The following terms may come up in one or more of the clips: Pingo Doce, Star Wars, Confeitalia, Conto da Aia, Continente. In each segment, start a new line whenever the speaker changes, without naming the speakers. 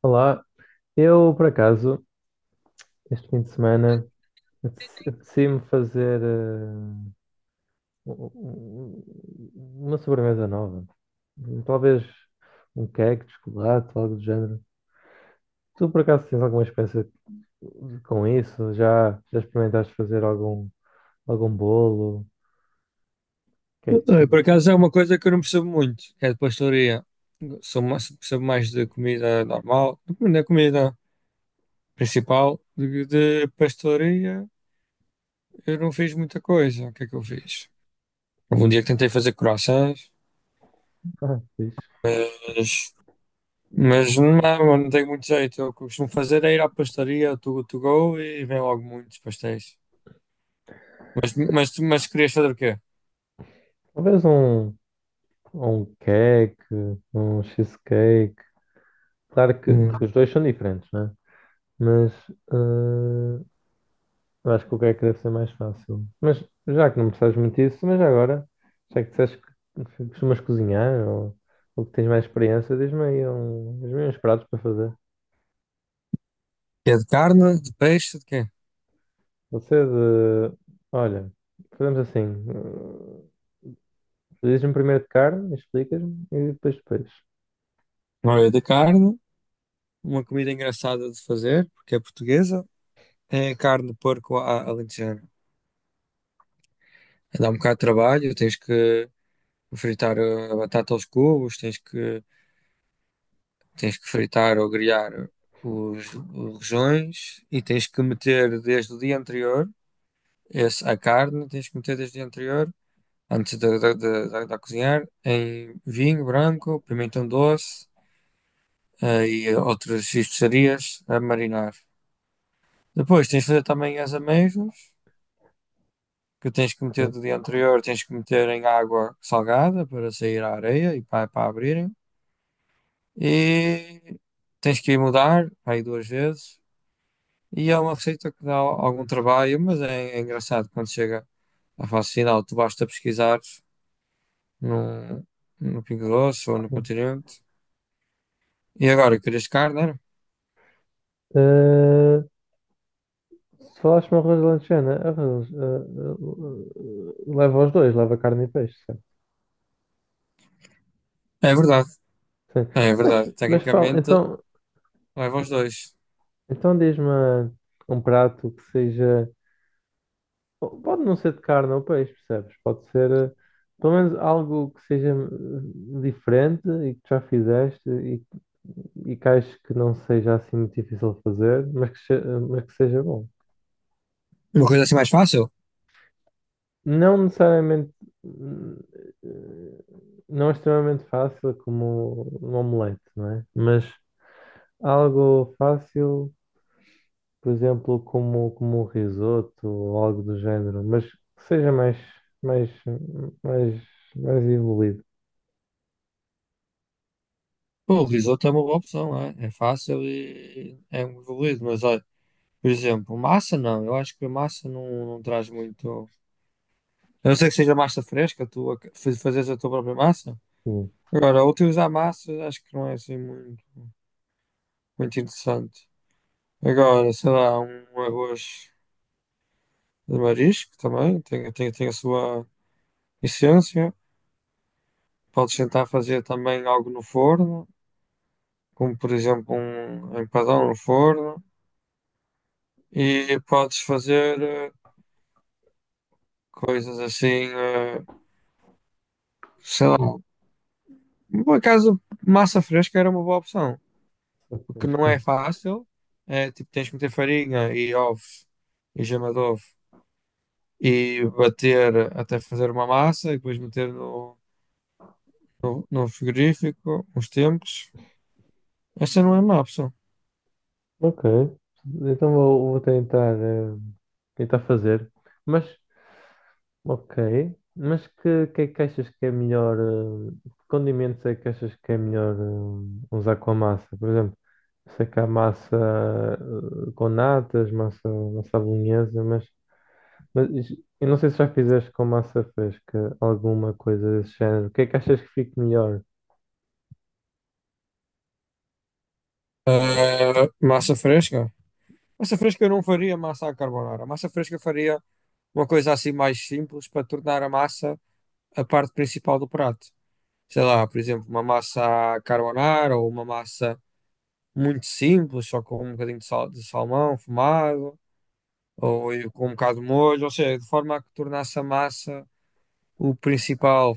Olá, eu por acaso, este fim de semana, apetecia-me fazer uma sobremesa nova. Talvez um cake de chocolate, algo do género. Tu por acaso tens alguma experiência com isso? Já experimentaste fazer algum bolo? O Que é que...
Olha, por acaso é uma coisa que eu não percebo muito, que é de pastoria. Sou mais, percebo mais de comida normal, da comida principal, de pastoria. Eu não fiz muita coisa. O que é que eu fiz? Houve um dia que tentei fazer croissants,
Ah, fixe.
mas, mas não tenho muito jeito. O que eu costumo fazer é ir à pastaria, to go, e vem logo muitos pastéis. Mas querias fazer o quê?
Talvez um cake, um cheesecake. Claro que
Hum.
os dois são diferentes, né? Mas eh, eu acho que o que é que deve ser mais fácil. Mas já que não percebes muito isso, mas já agora, já que disseste que costumas cozinhar ou que tens mais experiência, diz-me aí um, diz uns pratos para fazer.
É de carne, de peixe, de quê?
Você de. Olha, fazemos assim. Dizes-me primeiro de carne, explicas-me e depois de peixe.
Olha, de carne, uma comida engraçada de fazer, porque é portuguesa. É carne de porco à alentejana. Dá um bocado de trabalho, tens que fritar a batata aos cubos, tens que fritar ou grelhar os rojões e tens que meter desde o dia anterior esse, a carne, tens que meter desde o dia anterior, antes de cozinhar, em vinho branco, pimentão doce e outras especiarias a marinar. Depois tens de fazer também as amêijoas, que tens que meter
Ok.
do dia anterior, tens que meter em água salgada para sair a areia e para abrirem. E tens que ir mudar aí duas vezes. E é uma receita que dá algum trabalho, mas é engraçado quando chega à fase final. Tu basta pesquisar no, no Pingo Doce ou no
Hum.
Continente. E agora, querias carne, era?
Eh, se falaste-me arroz de lanchana, leva os dois, leva carne e peixe, certo?
É verdade,
Sim.
é
Mas,
verdade.
mas fala,
Tecnicamente,
então,
leva os dois.
então diz-me um prato que seja. Pode não ser de carne ou peixe, percebes? Pode ser pelo menos algo que seja diferente e que tu já fizeste e que acho que não seja assim muito difícil de fazer, mas que, se- eh, mas que seja bom.
Uma coisa assim mais fácil?
Não necessariamente. hum, Não é extremamente fácil como um omelete, não é? Mas algo fácil. Por exemplo, como um risoto ou algo do género, mas que seja mais, mais, mais evoluído.
Pô, o risoto é uma boa opção, é fácil e é um evoluído, mas olha, por exemplo, massa não, eu acho que a massa não, não traz muito. A não ser que seja massa fresca, tu fazes a tua própria massa.
Sim,
Agora, utilizar massa acho que não é assim muito interessante. Agora, sei lá, um arroz de marisco também tem a sua essência. Podes tentar fazer também algo no forno, como por exemplo um empadão no forno, e podes fazer coisas assim, sei lá. Por acaso, massa fresca era uma boa opção. O que
acho
não é
que-
fácil é tipo, tens que meter farinha e ovos e gema de ovo e bater até fazer uma massa e depois meter no frigorífico uns tempos. Essa não é má opção.
ok, então vou tentar, tentar fazer, mas ok, mas que é que achas que é melhor, que condimentos é que achas que é melhor usar com a massa? Por exemplo, sei que há massa com natas, massa à bolonhesa, mas eu não sei se já fizeste com massa fresca alguma coisa desse género. O que é que achas que fique melhor?
Ah, massa fresca. Massa fresca eu não faria massa à carbonara. Massa fresca eu faria uma coisa assim mais simples para tornar a massa a parte principal do prato. Sei lá, por exemplo, uma massa à carbonara ou uma massa muito simples, só com um bocadinho de sal, de salmão fumado, ou e com um bocado de molho, ou seja, de forma a que tornasse a massa o principal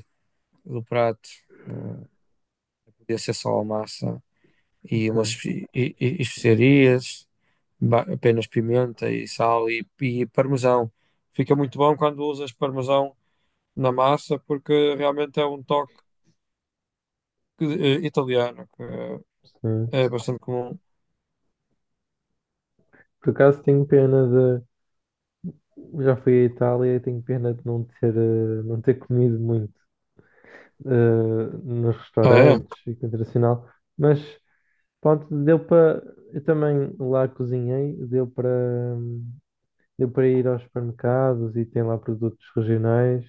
do prato. Hum, Podia ser só a massa e umas
Ok,
especiarias, apenas pimenta e sal e parmesão. Fica muito bom quando usas parmesão na massa, porque realmente é um toque italiano,
sim.
é bastante comum.
Por acaso tenho pena de. Já fui à Itália e tenho pena de não ter, não ter comido muito eh, nos
Ah, é?
restaurantes e com internacional. Mas pronto, deu para. Eu também lá cozinhei, deu para. hum, Deu para ir aos supermercados e tem lá produtos regionais.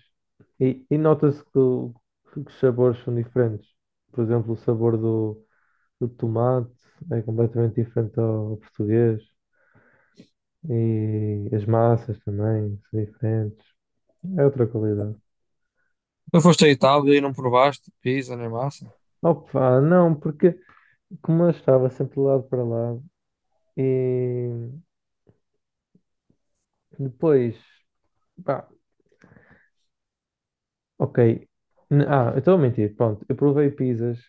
E nota-se que os sabores são diferentes. Por exemplo, o sabor do tomate é completamente diferente ao português. E as massas também são diferentes. É outra qualidade.
Tu foste à Itália e não provaste pizza nem massa?
Opa, não, porque como eu estava sempre de lado para lado e depois, pá, ok. Ah, eu estou a mentir. Pronto, eu provei pizzas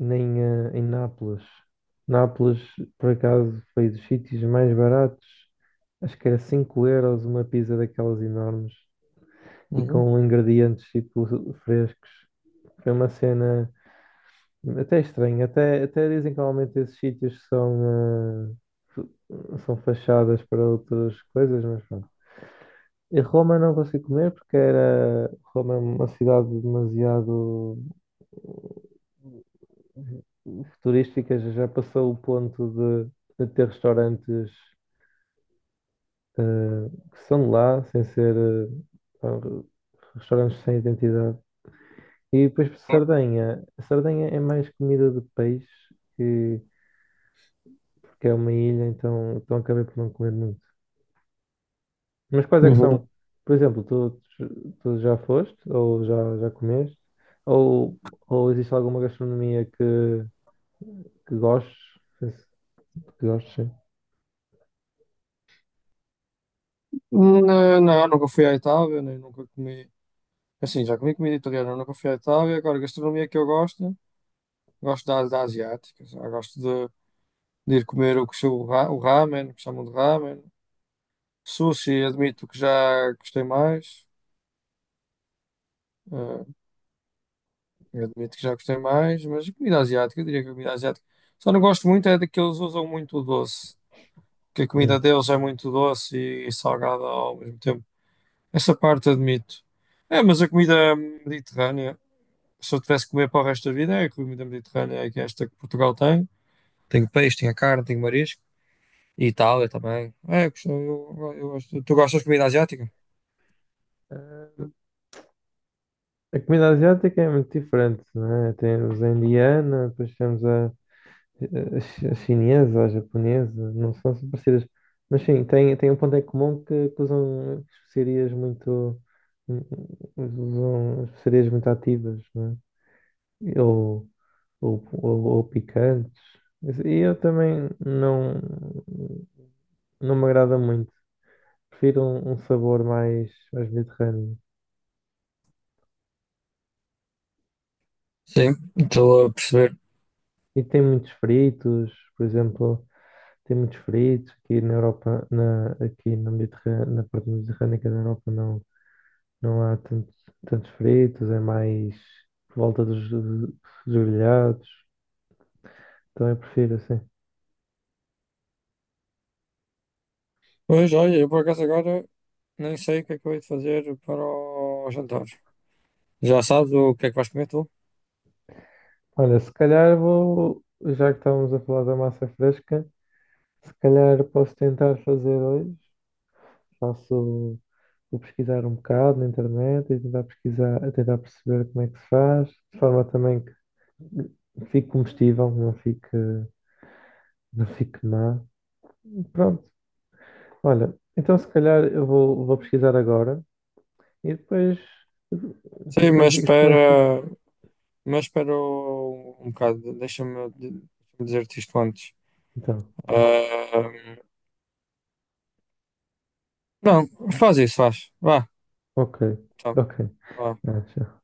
em Nápoles. Nápoles, por acaso, foi dos sítios mais baratos. Acho que era 5 euros uma pizza daquelas enormes e
Uhum.
com ingredientes tipo frescos. Foi uma cena até estranha. Até dizem que normalmente esses sítios são fachadas para outras coisas, mas pronto. E Roma não consegui comer porque era Roma é uma cidade demasiado futurísticas já passou o ponto de ter restaurantes que são de lá, sem ser ah, re- restaurantes sem identidade. E depois para Sardenha. A Sardenha é mais comida de peixe, que, porque é uma ilha, então acabei por não comer muito. Mas quais é que
Uhum.
são? Por exemplo, tu já foste ou já comeste? Ou, ou existe alguma gastronomia que gostes? Que gostes, sim.
Não, nunca fui à Itália, nem nunca comi. Assim, já comi comida italiana na Confeitalia. Agora, gastronomia que eu gosto, gosto da, da asiática. Já gosto de ir comer o que se- o, ra- o ramen, que chamam de ramen. Sushi, admito que já gostei mais. eh, admito que já gostei mais, mas a comida asiática, eu diria que a comida asiática. Só não gosto muito é de que eles usam muito o doce, que a
Hum.
comida deles é muito doce e salgada ao mesmo tempo. Essa parte admito. É, mas a comida mediterrânea, se eu tivesse que comer para o resto da vida, é a comida mediterrânea, é que é esta que Portugal tem. Tenho peixe, tenho a carne, tenho marisco. E Itália também. É, eu gosto. Tu gostas de comida asiática?
A comida asiática é muito diferente, não é? Temos a indiana, depois temos a chinesa, a japonesa, não são assim parecidas. Mas sim, tem um ponto em comum que usam especiarias muito ativas, não é? Ou picantes. E eu também não me agrada muito. Prefiro um sabor mais, mais mediterrâneo.
Sim, estou a perceber.
E tem muitos fritos, por exemplo. Tem muitos feridos aqui na Europa, na, aqui na Mediterrânea, na parte mediterrânica da Europa não há tantos, tantos feridos, é mais por volta dos grelhados, então eu prefiro assim.
Pois, olha, eu por acaso agora nem sei o que é que eu hei de fazer para o jantar. Já sabes o que é que vais comer tu?
Olha, se calhar vou, já que estávamos a falar da massa fresca, se calhar posso tentar fazer hoje, faço, vou pesquisar um bocado na internet e tentar pesquisar, tentar perceber como é que se faz, de forma também que fique comestível, não fique, não fique má. Pronto. Olha, então se calhar eu vou pesquisar agora e depois,
Sim,
depois
mas
digo-te como é que fica.
espera. Mas espera um bocado, deixa-me dizer-te isto antes.
Então,
Ah, não, faz isso, faz. Vá,
ok,
tá,
ok.
vá.
Ah, tchau.